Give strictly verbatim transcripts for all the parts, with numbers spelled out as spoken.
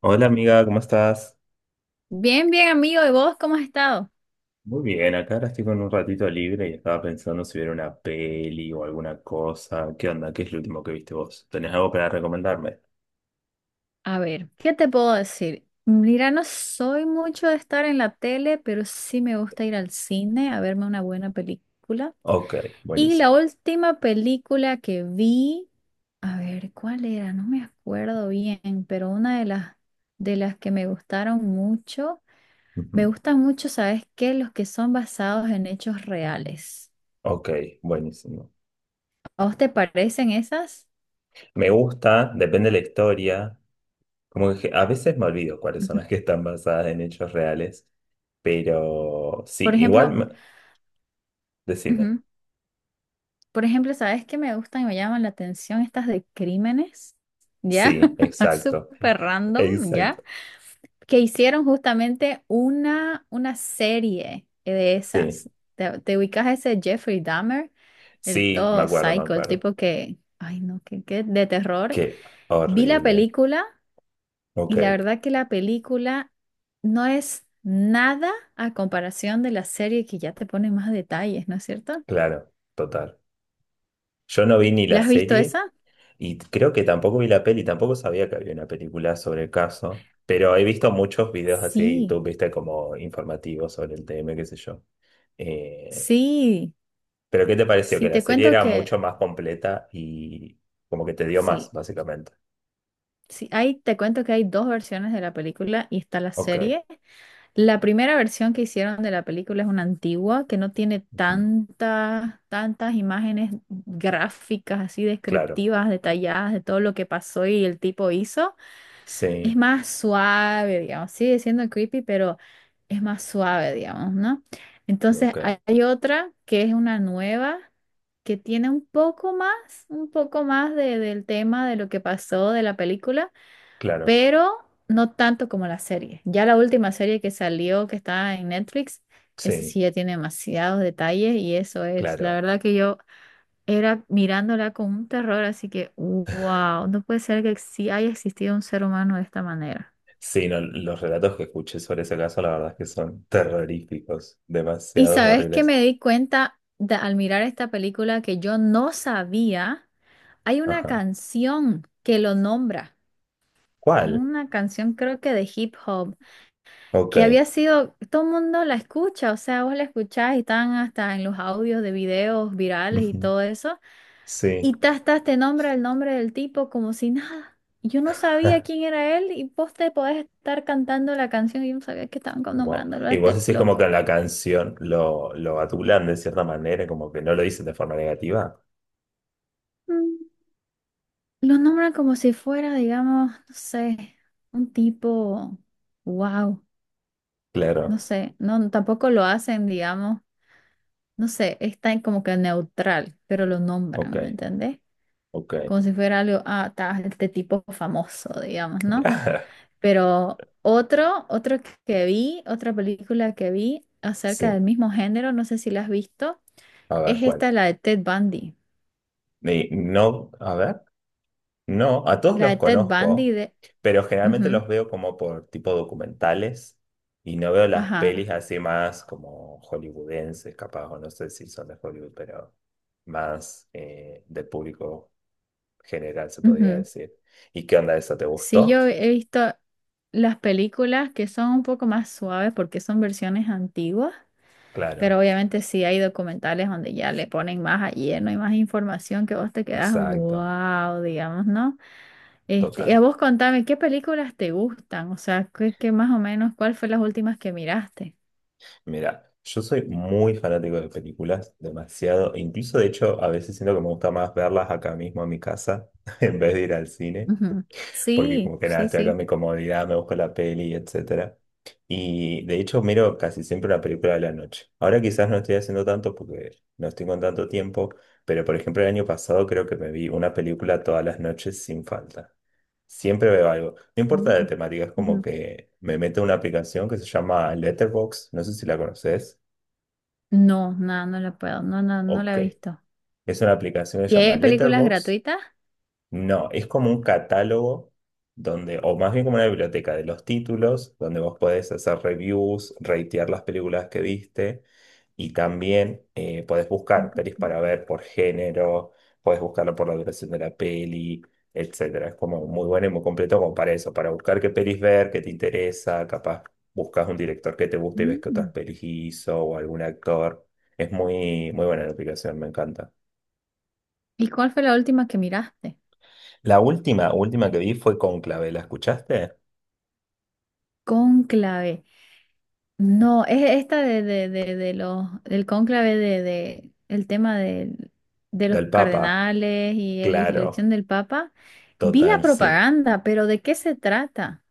Hola amiga, ¿cómo estás? Bien, bien, amigo. ¿Y vos cómo has estado? Muy bien, acá ahora estoy con un ratito libre y estaba pensando si ver una peli o alguna cosa. ¿Qué onda? ¿Qué es lo último que viste vos? ¿Tenés algo para recomendarme? A ver, ¿qué te puedo decir? Mira, no soy mucho de estar en la tele, pero sí me gusta ir al cine a verme una buena película. Ok, Y buenísimo. la última película que vi, a ver, ¿cuál era? No me acuerdo bien, pero una de las de las que me gustaron mucho, me Ujú. gustan mucho, ¿sabes qué? Los que son basados en hechos reales. Ok, buenísimo. ¿A vos te parecen esas? Me gusta, depende de la historia. Como que a veces me olvido cuáles son Ujú. las que están basadas en hechos reales, pero sí, Por igual, ejemplo, me- decime. ujú. Por ejemplo, ¿sabes qué me gustan y me llaman la atención? Estas de crímenes, ¿ya? Sí, exacto. Súper random, ¿ya? Exacto. Que hicieron justamente una, una serie de Sí, esas. ¿Te, te ubicas a ese Jeffrey Dahmer? El sí, me todo acuerdo, me psycho, el acuerdo. tipo que, ay no, que, que de terror. Qué Vi la horrible. película y Ok. la verdad que la película no es nada a comparación de la serie que ya te pone más detalles, ¿no es cierto? Claro, total. Yo no vi ni ¿La la has visto serie esa? y creo que tampoco vi la peli, tampoco sabía que había una película sobre el caso, pero he visto muchos videos así de Sí. YouTube, viste, como informativos sobre el tema, qué sé yo. Eh, Sí, pero ¿qué te pareció? Que sí, la te serie cuento era que, mucho más completa y como que te dio más, sí, básicamente. sí, ahí te cuento que hay dos versiones de la película y está la Ok, serie. La primera versión que hicieron de la película es una antigua que no tiene ujú, tantas, tantas imágenes gráficas así claro, descriptivas, detalladas de todo lo que pasó y el tipo hizo. Es sí, más suave, digamos. Sigue siendo creepy, pero es más suave, digamos, ¿no? Entonces ok, hay hay otra que es una nueva, que tiene un poco más, un poco más de- del tema de lo que pasó de la película, claro, pero no tanto como la serie. Ya la última serie que salió, que está en Netflix, eso sí, sí ya tiene demasiados detalles y eso es, la claro. verdad que yo era mirándola con un terror, así que, wow, no puede ser que sí haya existido un ser humano de esta manera. Sí, no, los relatos que escuché sobre ese caso, la verdad es que son terroríficos, Y demasiados sabes que horribles. me di cuenta de- al mirar esta película que yo no sabía, hay una Ajá. canción que lo nombra, ¿Cuál? una canción creo que de hip hop, Ok. que había sido, todo el mundo la escucha, o sea, vos la escuchás y están hasta en los audios de videos virales y Ujú. todo eso, Sí. y tas, tas, te nombra el nombre del tipo como si nada. Yo no sabía quién era él y vos te podés estar cantando la canción y yo no sabía que estaban Wow. nombrándolo a Y vos este decís como loco. que en la canción lo, lo adulan de cierta manera, como que no lo dicen de forma negativa. Lo nombran como si fuera, digamos, no sé, un tipo, wow, no Claro. sé, no, tampoco lo hacen, digamos, no sé, está en como que neutral, pero lo nombran, ¿me Ok. entendés? Ok. Como si fuera algo, ah, ta, este tipo famoso, digamos, ¿no? Pero otro, otro que vi, otra película que vi acerca del Sí. mismo género, no sé si la has visto, A ver, es ¿cuál? esta, la de Ted Bundy. Y no, a ver. No, a todos La los de Ted Bundy conozco, de... pero generalmente ujú, los veo como por tipo documentales y no veo las pelis ajá. así más como hollywoodenses, capaz, o no sé si son de Hollywood, pero más eh, del público general, se podría Ujú. decir. ¿Y qué onda eso? ¿Te Sí, gustó? yo he visto las películas que son un poco más suaves porque son versiones antiguas, pero Claro, obviamente sí hay documentales donde ya le ponen más a lleno y más información que vos te quedas, exacto, wow, digamos, ¿no? Este, y total. a vos contame, ¿qué películas te gustan? O sea, ¿qué, qué más o menos, cuál fue las últimas que miraste? Mira, yo soy muy fanático de películas, demasiado. E incluso, de hecho, a veces siento que me gusta más verlas acá mismo en mi casa en vez de ir al cine. Ujú. Porque Sí, como que nada, sí, estoy acá en sí. mi comodidad, me busco la peli, etcétera. Y de hecho miro casi siempre una película de la noche. Ahora quizás no estoy haciendo tanto porque no estoy con tanto tiempo, pero por ejemplo el año pasado creo que me vi una película todas las noches sin falta. Siempre veo algo. No importa Mm. la temática, es como Ujú. que me meto en una aplicación que se llama Letterboxd, no sé si la conoces. No, no, no la puedo, no, no, no la Ok. he visto. Es una aplicación que se ¿Y llama hay películas Letterboxd. gratuitas? No, es como un catálogo donde, o más bien como una biblioteca de los títulos, donde vos podés hacer reviews, ratear las películas que viste y también eh, podés buscar pelis Ujú. para ver por género, podés buscarlo por la duración de la peli, etcétera. Es como muy bueno y muy completo como para eso, para buscar qué pelis ver, qué te interesa, capaz buscas un director que te guste y ves qué otras Mm. pelis hizo o algún actor. Es muy, muy buena la aplicación, me encanta. ¿Y cuál fue la última que miraste? La última, última que vi fue Cónclave, ¿la escuchaste? Cónclave. No, es esta de, de, de, de los, del cónclave de, de el tema del- de, los Del Papa, cardenales y la claro, elección del Papa. Vi la total, sí. propaganda, pero ¿de qué se trata?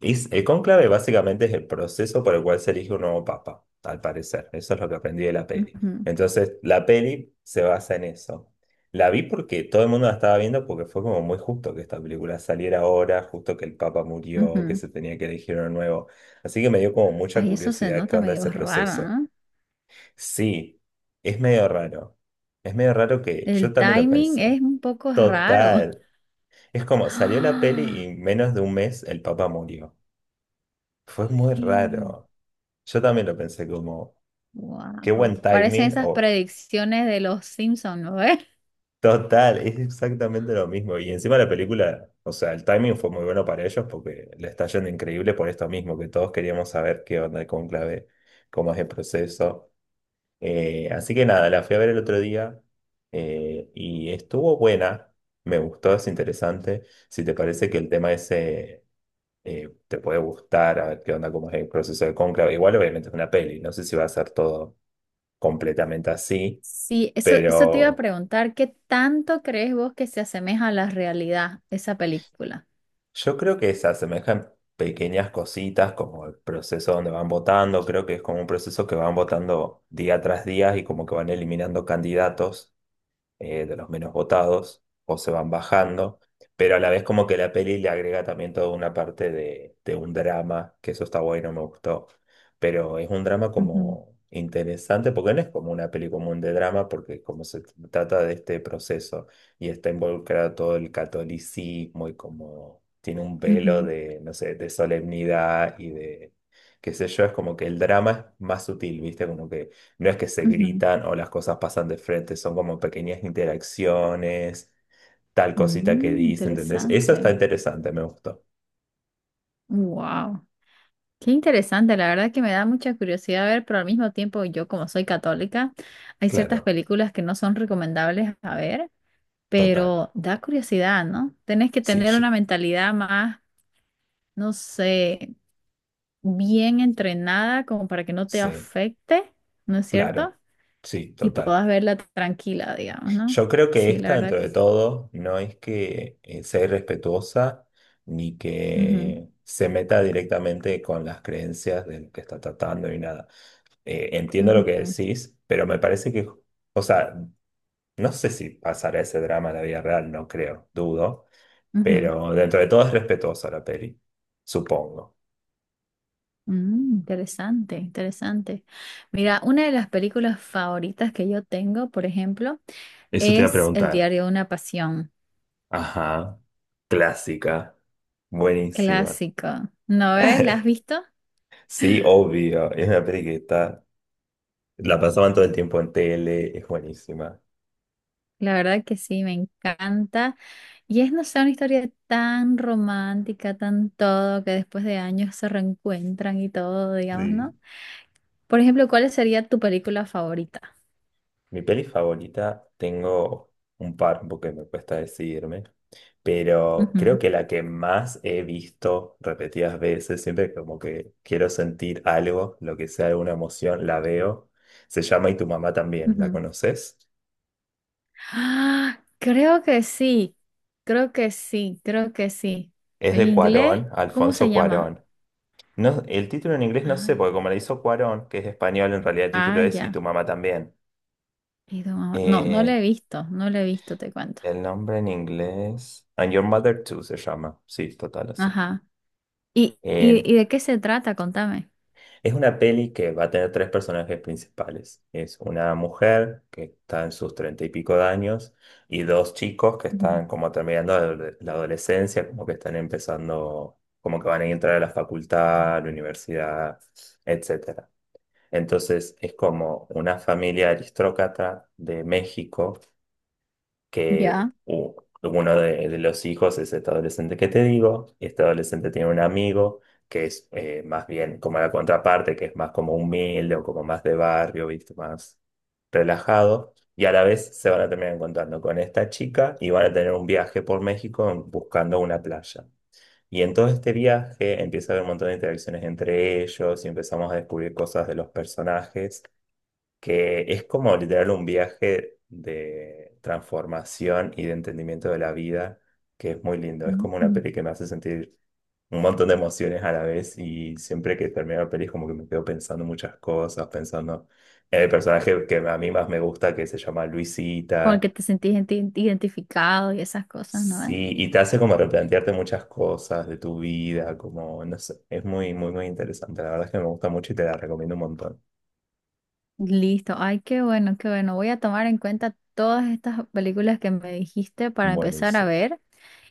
Es, el cónclave básicamente es el proceso por el cual se elige un nuevo papa, al parecer. Eso es lo que aprendí de la peli. Ujú, Entonces, la peli se basa en eso. La vi porque todo el mundo la estaba viendo porque fue como muy justo que esta película saliera ahora, justo que el papa murió, que ujú. se tenía que elegir uno nuevo. Así que me dio como mucha Ay, eso se curiosidad qué nota onda medio ese raro, proceso. ¿no? Sí, es medio raro. Es medio raro que El yo también lo timing es pensé. un poco raro. Total. Es como, salió la peli y en menos de un mes el Papa murió. Fue muy raro. Yo también lo pensé como, qué Wow. buen Parecen timing esas o predicciones de los Simpsons, ¿no? total, es exactamente lo mismo. Y encima la película, o sea, el timing fue muy bueno para ellos porque le está yendo increíble por esto mismo, que todos queríamos saber qué onda el conclave, cómo es el proceso. Eh, así que nada, la fui a ver el otro día eh, y estuvo buena, me gustó, es interesante. Si te parece que el tema ese eh, te puede gustar, a ver qué onda, cómo es el proceso de cónclave. Igual obviamente es una peli, no sé si va a ser todo completamente así, Sí, eso, eso te iba a pero preguntar, ¿qué tanto crees vos que se asemeja a la realidad esa película? yo creo que se asemejan pequeñas cositas como el proceso donde van votando, creo que es como un proceso que van votando día tras día y como que van eliminando candidatos, eh, de los menos votados, o se van bajando, pero a la vez como que la peli le agrega también toda una parte de, de un drama, que eso está bueno, me gustó, pero es un drama Ujú, como interesante, porque no es como una peli común de drama, porque como se trata de este proceso y está involucrado todo el catolicismo y como tiene un velo ujú, de, no sé, de solemnidad y de... qué sé yo, es como que el drama es más sutil, ¿viste? Como que no es que se ujú. gritan o las cosas pasan de frente, son como pequeñas interacciones, tal cosita que Mm, dice, ¿entendés? Eso está interesante. interesante, me gustó. Wow. Qué interesante, la verdad que me da mucha curiosidad ver, pero al mismo tiempo yo como soy católica, hay ciertas Claro, películas que no son recomendables a ver, total. pero da curiosidad, ¿no? Tenés que Sí, tener yo- una mentalidad más, no sé, bien entrenada como para que no te sí, afecte, ¿no es claro. cierto? Sí, Y total. puedas verla tranquila, digamos, ¿no? Yo creo que Sí, la esta, verdad dentro que de sí. todo, no es que eh, sea irrespetuosa ni Ujú, que se meta directamente con las creencias del que está tratando y nada, eh, entiendo lo que ujú, decís, pero me parece que, o sea, no sé si pasará ese drama en la vida real, no creo, dudo, ujú. pero dentro de todo es respetuosa la peli, supongo. Mm, interesante, interesante. Mira, una de las películas favoritas que yo tengo, por ejemplo, Eso te iba a es El preguntar. diario de una pasión, Ajá, clásica, buenísima. clásico. ¿No ves? ¿La has visto? Sí, obvio, es una peli que está, la pasaban todo el tiempo en tele, es buenísima. La verdad que sí, me encanta. Y es, no sé, una historia tan romántica, tan todo, que después de años se reencuentran y todo, digamos, ¿no? Sí. Por ejemplo, ¿cuál sería tu película favorita? Mi peli favorita, tengo un par, porque me cuesta decidirme, pero creo que la que más he visto repetidas veces, siempre como que quiero sentir algo, lo que sea alguna emoción, la veo. Se llama Y tu mamá Ujú, también, ¿la ujú. conoces? Ah, creo que sí, creo que sí, creo que sí. Es En de inglés, Cuarón, ¿cómo Alfonso se llama? Cuarón. No, el título en inglés no sé, Ay, porque como le hizo Cuarón, que es español, en realidad el título ah, es Y ya. tu mamá también. Y tu mamá- No, no lo Eh, he visto, no lo he visto, te cuento. el nombre en inglés, And Your Mother Too se llama. Sí, total, así. Ajá. ¿Y, Eh, y, y de qué se trata? Contame. Es una peli que va a tener tres personajes principales. Es una mujer que está en sus treinta y pico de años y dos chicos que Ujú. están como terminando adole- la adolescencia, como que están empezando, como que van a entrar a la facultad, a la universidad, etcétera. Entonces es como una familia aristócrata de México que Ya. u- uno de, de los hijos es este adolescente que te digo, y este adolescente tiene un amigo que es eh, más bien como la contraparte, que es más como humilde o como más de barrio, ¿viste? Más relajado, y a la vez se van a terminar encontrando con esta chica y van a tener un viaje por México en- buscando una playa. Y en todo este viaje empieza a haber un montón de interacciones entre ellos y empezamos a descubrir cosas de los personajes, que es como literal un viaje de transformación y de entendimiento de la vida, que es muy lindo. Es como una Mm. peli que me hace sentir un montón de emociones a la vez y siempre que termino la peli es como que me quedo pensando muchas cosas, pensando en el personaje que a mí más me gusta, que se llama Con el que Luisita. te sentís identi- identificado y esas cosas, ¿no? ¿Eh? Sí, y te hace como replantearte muchas cosas de tu vida, como, no sé, es muy, muy, muy interesante. La verdad es que me gusta mucho y te la recomiendo un montón. Listo. Ay, qué bueno, qué bueno. Voy a tomar en cuenta todas estas películas que me dijiste para empezar a Buenísimo. ver.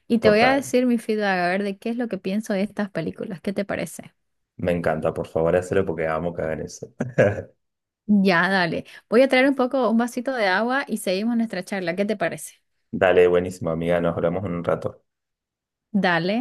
Y te voy a Total. decir mi feedback, a ver de qué es lo que pienso de estas películas. ¿Qué te parece? Me encanta, por favor, hacerlo porque amo cagar eso. Ya, dale. Voy a traer un poco, un vasito de agua y seguimos nuestra charla. ¿Qué te parece? Dale, buenísimo, amiga, nos hablamos en un rato. Dale.